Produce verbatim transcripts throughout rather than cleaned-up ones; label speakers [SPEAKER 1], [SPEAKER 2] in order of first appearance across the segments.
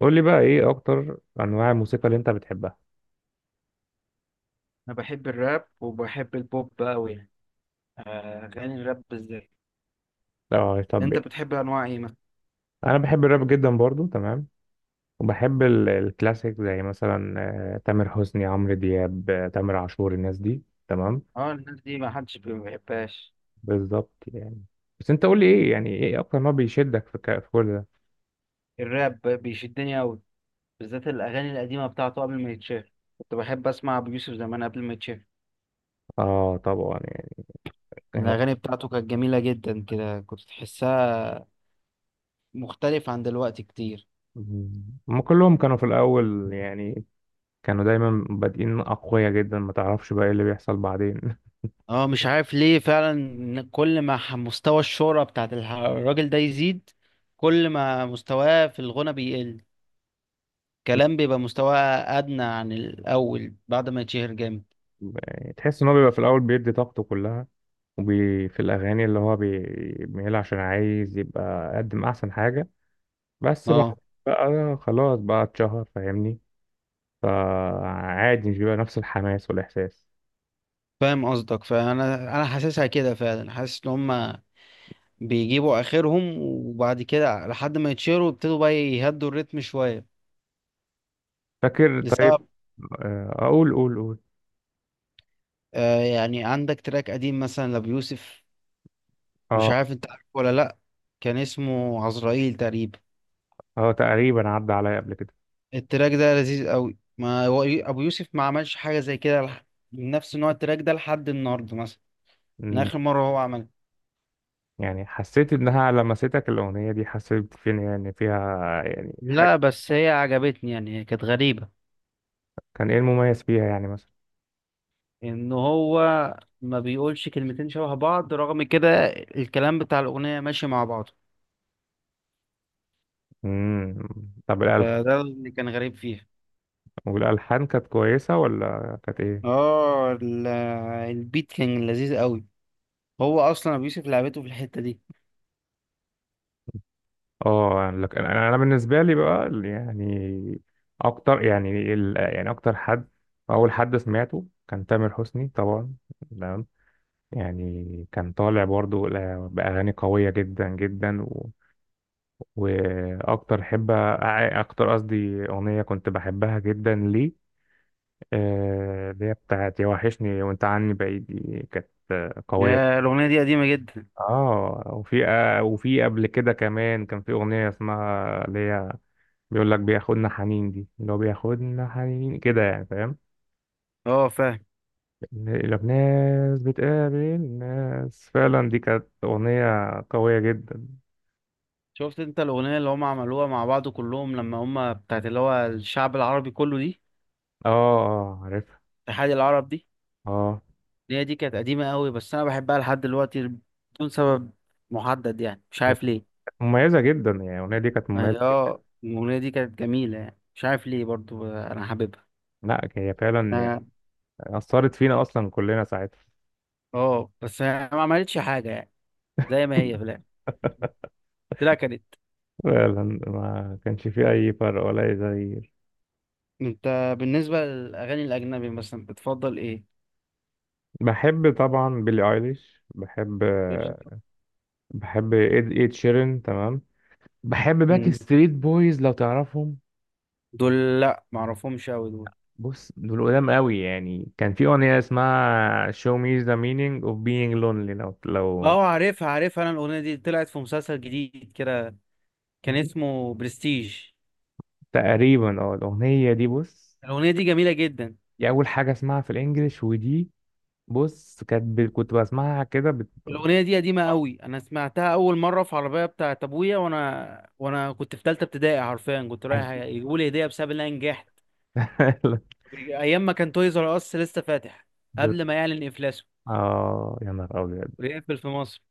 [SPEAKER 1] قول لي بقى ايه اكتر انواع الموسيقى اللي انت بتحبها؟
[SPEAKER 2] انا بحب الراب وبحب البوب قوي يعني. آه، اغاني الراب بالذات.
[SPEAKER 1] لو طب
[SPEAKER 2] انت
[SPEAKER 1] يعني.
[SPEAKER 2] بتحب انواع ايه مثلا؟
[SPEAKER 1] انا بحب الراب جدا برضو، تمام. وبحب ال- الكلاسيك زي مثلا آه، تامر حسني، عمرو دياب، آه، تامر عاشور، الناس دي، تمام.
[SPEAKER 2] اه الناس دي ما حدش بي- ما بيحبهاش.
[SPEAKER 1] بالظبط يعني. بس انت قول لي ايه، يعني ايه اكتر ما بيشدك في ك- في كل ده؟
[SPEAKER 2] الراب بيشدني قوي، بالذات الاغاني القديمه بتاعته قبل ما يتشهر. كنت بحب اسمع ابو يوسف زمان قبل ما يتشهر.
[SPEAKER 1] اه طبعا يعني. هو-
[SPEAKER 2] الاغاني بتاعته كانت جميله جدا كده، كنت تحسها مختلف عن دلوقتي كتير.
[SPEAKER 1] هم كلهم كانوا في الاول يعني، كانوا دايما بادئين اقوياء جدا، ما تعرفش بقى ايه اللي بيحصل بعدين.
[SPEAKER 2] اه مش عارف ليه فعلا إن كل ما ح- مستوى الشهرة بتاعت الح- الراجل ده يزيد، كل ما مستواه في الغنى بيقل، كلام بيبقى مستواه ادنى عن الاول بعد ما يتشهر جامد.
[SPEAKER 1] تحس ان هو بيبقى في الاول بيدي طاقته كلها وفي الأغاني اللي هو بيعملها، عشان عايز يبقى قدم أحسن حاجة. بس بعد
[SPEAKER 2] اه
[SPEAKER 1] بقى خلاص بقى اتشهر، فاهمني، فعادي مش بيبقى نفس الحماس والإحساس.
[SPEAKER 2] فاهم قصدك، فانا انا حاسسها كده فعلا، حاسس ان هم بيجيبوا اخرهم وبعد كده لحد ما يتشهروا يبتدوا بقى يهدوا الريتم شويه
[SPEAKER 1] فاكر؟ طيب.
[SPEAKER 2] لسبب.
[SPEAKER 1] آه، أقول، قول قول
[SPEAKER 2] آه يعني عندك تراك قديم مثلا لابيوسف، مش
[SPEAKER 1] اه.
[SPEAKER 2] عارف انت عارفه ولا لا. كان اسمه عزرائيل تقريبا.
[SPEAKER 1] اه تقريبا، عدى عليا قبل كده.
[SPEAKER 2] التراك ده لذيذ قوي، ما هو يو- ابو يوسف ما عملش حاجه زي كده لح- نفس نوع التراك ده لحد النهارده مثلا من
[SPEAKER 1] أمم،
[SPEAKER 2] اخر مره هو عمل.
[SPEAKER 1] يعني حسيت إنها لمستك الأغنية دي؟ حسيت فين يعني فيها يعني حاجة؟
[SPEAKER 2] لا بس هي عجبتني يعني، هي كانت غريبة.
[SPEAKER 1] كان إيه المميز فيها يعني مثلا؟
[SPEAKER 2] ان هو ما بيقولش كلمتين شبه بعض رغم كده الكلام بتاع الأغنية ماشي مع بعضه،
[SPEAKER 1] امم. طب الألحان،
[SPEAKER 2] فده اللي كان غريب فيها.
[SPEAKER 1] والألحان كانت كويسة ولا كانت إيه؟
[SPEAKER 2] اه ال- البيت كان لذيذ قوي، هو اصلا ابو يوسف لعبته في الحتة دي.
[SPEAKER 1] اه يعني لك، انا أنا بالنسبه لي بقى يعني، اكتر يعني ال... يعني اكتر حد، اول حد سمعته كان تامر حسني طبعا، تمام. يعني كان طالع برضو ل- باغاني قويه جدا جدا و... واكتر حب، اكتر قصدي اغنيه كنت بحبها جدا ليه، آه، اللي هي بتاعت يا وحشني وانت عني بعيد، دي كانت قويه.
[SPEAKER 2] يا الأغنية دي قديمة جدا.
[SPEAKER 1] اه وفي آه، وفي قبل كده كمان كان في اغنيه اسمها، اللي هي بيقول لك بياخدنا حنين، دي اللي هو بياخدنا حنين كده يعني، فاهم؟
[SPEAKER 2] اه فاهم.
[SPEAKER 1] لو ناس بتقابل ناس، فعلا دي كانت أغنية قوية جدا.
[SPEAKER 2] شفت انت الأغنية اللي هم عملوها مع بعض كلهم لما هم بتاعت اللي هو الشعب العربي كله دي،
[SPEAKER 1] اه. اه عارفها.
[SPEAKER 2] اتحاد العرب دي؟
[SPEAKER 1] اه.
[SPEAKER 2] هي دي كانت قديمة قوي بس أنا بحبها لحد دلوقتي بدون سبب محدد يعني، مش
[SPEAKER 1] هي
[SPEAKER 2] عارف ليه.
[SPEAKER 1] كانت مميزة جدا، يعني الأغنية دي كانت مميزة
[SPEAKER 2] هي
[SPEAKER 1] جدا.
[SPEAKER 2] اه الأغنية دي كانت جميلة يعني، مش عارف ليه برضو أنا حاببها.
[SPEAKER 1] لا هي فعلا يعني
[SPEAKER 2] اه،
[SPEAKER 1] أثرت فينا أصلا كلنا ساعتها.
[SPEAKER 2] آه، بس هي ما عملتش حاجة يعني، زي ما هي في الآخر طلع كانت.
[SPEAKER 1] فعلا ما كانش فيه أي فرق ولا أي تغيير.
[SPEAKER 2] أنت بالنسبة للأغاني الأجنبي مثلا بتفضل إيه؟
[SPEAKER 1] بحب طبعا بيلي ايليش، بحب.
[SPEAKER 2] قشطة.
[SPEAKER 1] بحب إد إد شيرين، تمام. بحب باك
[SPEAKER 2] مم.
[SPEAKER 1] ستريت بويز، لو تعرفهم.
[SPEAKER 2] دول لأ معرفهمش أوي دول.
[SPEAKER 1] بص دول قدام قوي يعني، كان في أغنية اسمها Show me the meaning of being lonely، لو لو
[SPEAKER 2] اه عارفها عارفها، أنا الأغنية دي طلعت في مسلسل جديد كده، كان اسمه برستيج.
[SPEAKER 1] تقريبا اه الأغنية دي، بص
[SPEAKER 2] الأغنية دي جميلة جدا.
[SPEAKER 1] دي أول حاجة اسمعها في الإنجليش، ودي بص كانت ب... كنت بسمعها كده بت...
[SPEAKER 2] الأغنية دي قديمة قوي، أنا سمعتها أول مرة في عربية بتاعت أبويا وأنا وأنا كنت في تالتة ابتدائي حرفيا، كنت رايح يجيبوا لي هدية بسبب إن أنا نجحت أيام ما كان تويز آر أس لسه فاتح
[SPEAKER 1] بت-.
[SPEAKER 2] قبل ما يعلن إفلاسه
[SPEAKER 1] اه يا نهار أبيض.
[SPEAKER 2] ويقفل في مصر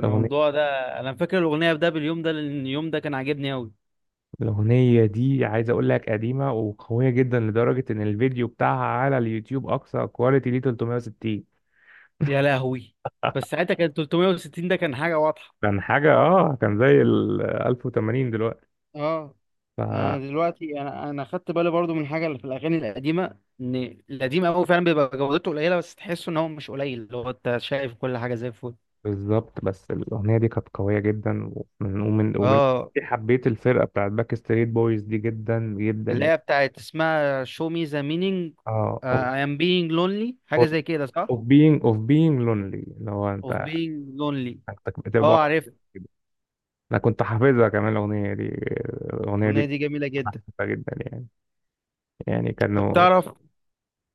[SPEAKER 1] الأغنية
[SPEAKER 2] ده. أنا فاكر الأغنية ده باليوم ده لأن اليوم ده كان عاجبني قوي.
[SPEAKER 1] الأغنية دي عايز أقول لك قديمة وقوية جدا، لدرجة إن الفيديو بتاعها على اليوتيوب أقصى كواليتي ليه ثلاث مية وستين.
[SPEAKER 2] يا لهوي. بس ساعتها كان ثلاثمائة وستين ده كان حاجة واضحة.
[SPEAKER 1] كان حاجة، اه كان زي ال ألف وثمانين دلوقتي.
[SPEAKER 2] اه
[SPEAKER 1] ف
[SPEAKER 2] انا دلوقتي انا انا خدت بالي برضو من حاجه اللي في الاغاني القديمه ان القديم قوي فعلا بيبقى جودته قليله، بس تحسه ان هو مش قليل، اللي هو انت شايف كل حاجه زي الفل.
[SPEAKER 1] بالظبط، بس الأغنية دي كانت قوية جدا. ومن ومن ومن
[SPEAKER 2] اه
[SPEAKER 1] حبيت الفرقة بتاعت باك ستريت بويز دي جدا جدا
[SPEAKER 2] اللي
[SPEAKER 1] يعني.
[SPEAKER 2] هي بتاعت اسمها show me the meaning.
[SPEAKER 1] اه
[SPEAKER 2] uh,
[SPEAKER 1] of,
[SPEAKER 2] I am being lonely حاجه
[SPEAKER 1] for-
[SPEAKER 2] زي كده صح؟
[SPEAKER 1] of being of being lonely، اللي هو انت،
[SPEAKER 2] of being lonely.
[SPEAKER 1] انت
[SPEAKER 2] اه
[SPEAKER 1] بتبقى.
[SPEAKER 2] عارف.
[SPEAKER 1] انا كنت حافظها كمان الأغنية دي الأغنية دي،
[SPEAKER 2] الاغنيه دي
[SPEAKER 1] كنت
[SPEAKER 2] جميله جدا.
[SPEAKER 1] حافظها جدا يعني، يعني
[SPEAKER 2] طب
[SPEAKER 1] كانوا.
[SPEAKER 2] تعرف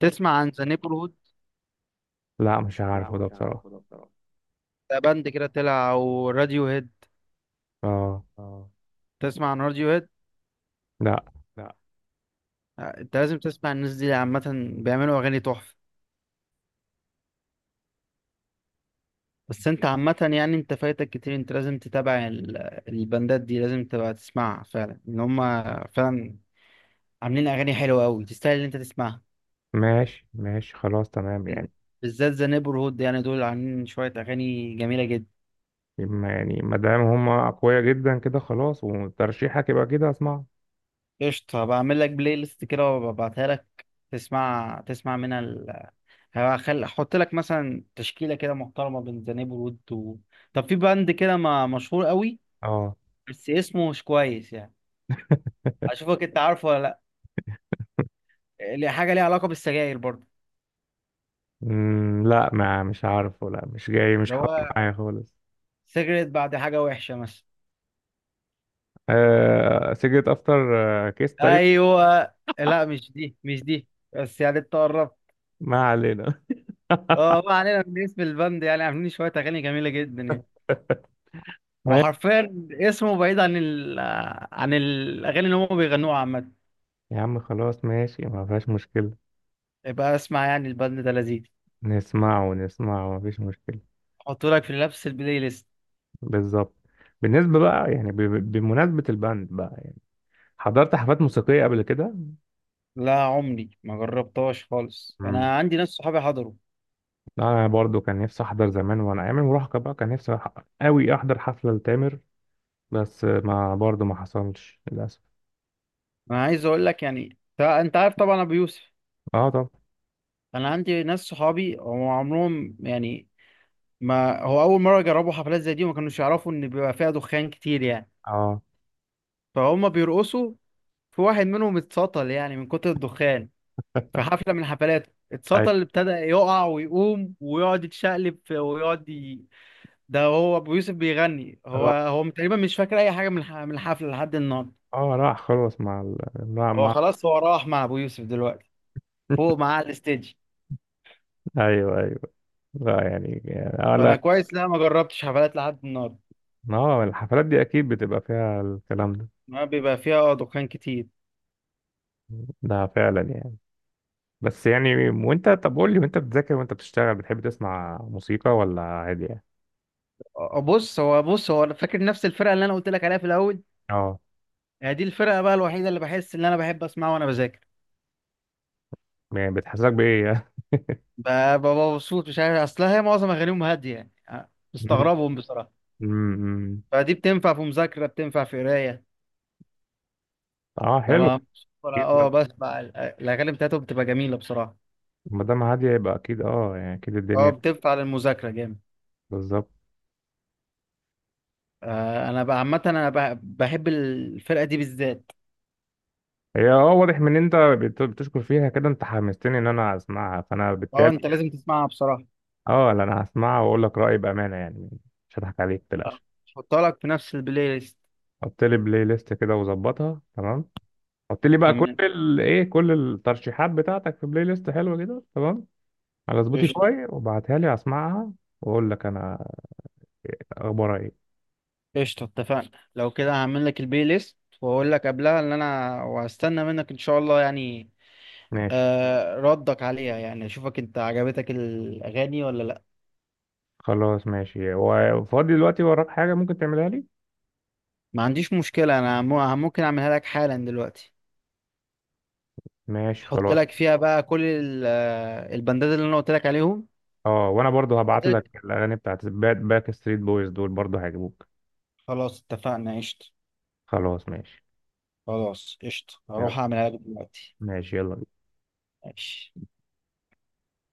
[SPEAKER 2] تسمع عن ذا neighborhood؟
[SPEAKER 1] لا مش
[SPEAKER 2] لا
[SPEAKER 1] عارفه ده
[SPEAKER 2] مش
[SPEAKER 1] بصراحة.
[SPEAKER 2] عارفه ده بصراحة. ده باند كده طلع او راديو هيد.
[SPEAKER 1] اه.
[SPEAKER 2] اه، تسمع عن راديو هيد؟
[SPEAKER 1] لا.
[SPEAKER 2] لا. انت لازم تسمع الناس دي عامة، بيعملوا اغاني تحفة. بس انت عامة يعني انت فايتك كتير، انت لازم تتابع ال- البندات دي، لازم تبقى تسمعها فعلا ان هم فعلا عاملين اغاني حلوة قوي، تستاهل ان انت تسمعها.
[SPEAKER 1] ماشي ماشي، خلاص تمام يعني.
[SPEAKER 2] بالذات ذا نيبر هود يعني، دول عاملين شوية اغاني جميلة جدا.
[SPEAKER 1] ما- يعني ما دام هما أقوياء جدا كده، خلاص وترشيحك يبقى كده، اسمع.
[SPEAKER 2] قشطة، بعمل لك بلاي ليست كده وببعتها لك. تسمع تسمع منها ال... هخل... احط لك مثلا تشكيلة كده محترمة بين ذا نيبر هود و... طب في باند كده ما... مشهور قوي
[SPEAKER 1] اه.
[SPEAKER 2] بس اسمه مش كويس يعني، اشوفك انت عارفه ولا لا. اللي حاجه ليها علاقه بالسجاير برضه،
[SPEAKER 1] مم، لا ما، مش عارفه، لا مش جاي، مش
[SPEAKER 2] اللي
[SPEAKER 1] حاضر
[SPEAKER 2] هو
[SPEAKER 1] معايا خالص.
[SPEAKER 2] سيجرت بعد حاجه وحشه مثلا.
[SPEAKER 1] آه سيجرت افتر. آه كيس تقريبا.
[SPEAKER 2] ايوه، لا مش دي مش دي، بس يعني انت قربت.
[SPEAKER 1] ما علينا.
[SPEAKER 2] اه ما علينا من اسم البند، يعني عاملين شويه اغاني جميله جدا يعني. هو
[SPEAKER 1] ماشي.
[SPEAKER 2] حرفيا اسمه بعيد عن ال... عن الاغاني اللي هم بيغنوها عامه.
[SPEAKER 1] يا عم خلاص، ماشي، ما فيهاش مشكلة.
[SPEAKER 2] يبقى اسمع يعني البند ده لذيذ،
[SPEAKER 1] نسمعه ونسمعه، ما فيش مشكلة.
[SPEAKER 2] احطه لك في نفس البلاي ليست.
[SPEAKER 1] بالظبط. بالنسبة بقى يعني، ب- ب- بمناسبة الباند بقى يعني، حضرت حفلات موسيقية قبل كده؟
[SPEAKER 2] لا عمري ما جربتهاش خالص،
[SPEAKER 1] مم.
[SPEAKER 2] انا عندي ناس صحابي حضروا.
[SPEAKER 1] انا برضو كان نفسي احضر زمان وانا ايام المراهقة بقى، كان نفسي أح- قوي احضر حفلة لتامر، بس ما برضو ما حصلش للاسف.
[SPEAKER 2] انا عايز اقول لك يعني، انت أنت عارف طبعا ابو يوسف.
[SPEAKER 1] اه. طب.
[SPEAKER 2] انا عندي ناس صحابي هم عمرهم يعني ما هو اول مره يجربوا حفلات زي دي وما كانوش يعرفوا ان بيبقى فيها دخان كتير يعني،
[SPEAKER 1] اه.
[SPEAKER 2] فهم بيرقصوا. في واحد منهم اتسطل يعني من كتر الدخان في حفله من الحفلات،
[SPEAKER 1] أيوة.
[SPEAKER 2] اتسطل ابتدى يقع ويقوم ويقعد يتشقلب في- ويقعد ي... ده هو ابو يوسف بيغني هو هو تقريبا مش فاكر اي حاجه من الح- من الحفله لحد النهارده.
[SPEAKER 1] اه راح خلاص مع ال... مع
[SPEAKER 2] هو
[SPEAKER 1] مع
[SPEAKER 2] خلاص هو راح مع ابو يوسف دلوقتي، فوق معاه على الستيج.
[SPEAKER 1] ايوه ايوه. لا يعني يعني اه
[SPEAKER 2] فانا
[SPEAKER 1] لا،
[SPEAKER 2] كويس، لا ما جربتش حفلات لحد النهارده،
[SPEAKER 1] اه الحفلات دي اكيد بتبقى فيها الكلام ده،
[SPEAKER 2] ما بيبقى فيها دخان كتير.
[SPEAKER 1] ده فعلا يعني. بس يعني وانت، طب قول لي، وانت بتذاكر وانت بتشتغل بتحب تسمع موسيقى ولا عادي يعني؟
[SPEAKER 2] آه، بص هو بص هو انا فاكر نفس الفرقه اللي انا قلت لك عليها في الاول.
[SPEAKER 1] اه.
[SPEAKER 2] هي دي الفرقه بقى الوحيده اللي بحس ان انا بحب اسمعها وانا بذاكر.
[SPEAKER 1] يعني بتحسسك بايه يعني؟
[SPEAKER 2] ب- ببقى مبسوط، مش عارف اصلها، هي معظم اغانيهم هاديه يعني، أه،
[SPEAKER 1] مم.
[SPEAKER 2] بستغربهم بصراحه،
[SPEAKER 1] مم.
[SPEAKER 2] فدي بتنفع في مذاكره بتنفع في قرايه.
[SPEAKER 1] اه حلو.
[SPEAKER 2] ببقى مبسوط وأنا-
[SPEAKER 1] اكيد،
[SPEAKER 2] اه
[SPEAKER 1] ما
[SPEAKER 2] بسمع ال- الاغاني بتاعتهم بتبقى جميله بصراحه،
[SPEAKER 1] ما دام هاديه يبقى اكيد، اه يعني اكيد
[SPEAKER 2] اه
[SPEAKER 1] الدنيا.
[SPEAKER 2] بتنفع للمذاكره جامد.
[SPEAKER 1] بالظبط.
[SPEAKER 2] آه، انا بقى عامه انا بح- بحب الفرقه دي بالذات.
[SPEAKER 1] هي اه واضح من إن انت بت- بتشكر فيها كده، انت حمستني ان انا اسمعها، فانا
[SPEAKER 2] اه
[SPEAKER 1] بالتالي
[SPEAKER 2] انت لازم تسمعها بصراحه.
[SPEAKER 1] اه لا، انا هسمعها واقول لك رايي بامانه يعني، مش هضحك عليك
[SPEAKER 2] آه،
[SPEAKER 1] متقلقش.
[SPEAKER 2] هحطها لك في نفس البلاي ليست.
[SPEAKER 1] حط لي بلاي ليست كده وظبطها، تمام. حط لي بقى كل
[SPEAKER 2] تمام،
[SPEAKER 1] ال... ايه، كل الترشيحات بتاعتك في بلاي ليست حلوه كده، تمام، على
[SPEAKER 2] قشطة.
[SPEAKER 1] سبوتيفاي، وابعتها لي اسمعها، واقول لك انا اخبارها ايه.
[SPEAKER 2] قشطة، اتفقنا. لو كده هعمل لك البلاي ليست واقول لك قبلها ان انا وهستنى منك ان شاء الله يعني،
[SPEAKER 1] ماشي
[SPEAKER 2] آه ردك عليها يعني اشوفك انت عجبتك الاغاني ولا لا.
[SPEAKER 1] خلاص. ماشي، وفاضي دلوقتي، وراك حاجه ممكن تعملها لي؟
[SPEAKER 2] ما عنديش مشكلة، انا مو- ممكن اعملها لك حالا دلوقتي.
[SPEAKER 1] ماشي
[SPEAKER 2] احط
[SPEAKER 1] خلاص.
[SPEAKER 2] لك فيها بقى كل ال- آه، البندات اللي انا قلت لك عليهم.
[SPEAKER 1] اه وانا برضو
[SPEAKER 2] قلت
[SPEAKER 1] هبعت لك
[SPEAKER 2] لك،
[SPEAKER 1] الاغاني بتاعت باك ستريت بويز دول، برضو هيعجبوك.
[SPEAKER 2] خلاص اتفقنا قشطة.
[SPEAKER 1] خلاص ماشي،
[SPEAKER 2] خلاص قشطة
[SPEAKER 1] يلا.
[SPEAKER 2] هروح اعملها لك دلوقتي.
[SPEAKER 1] ماشي يلا.
[SPEAKER 2] ماشي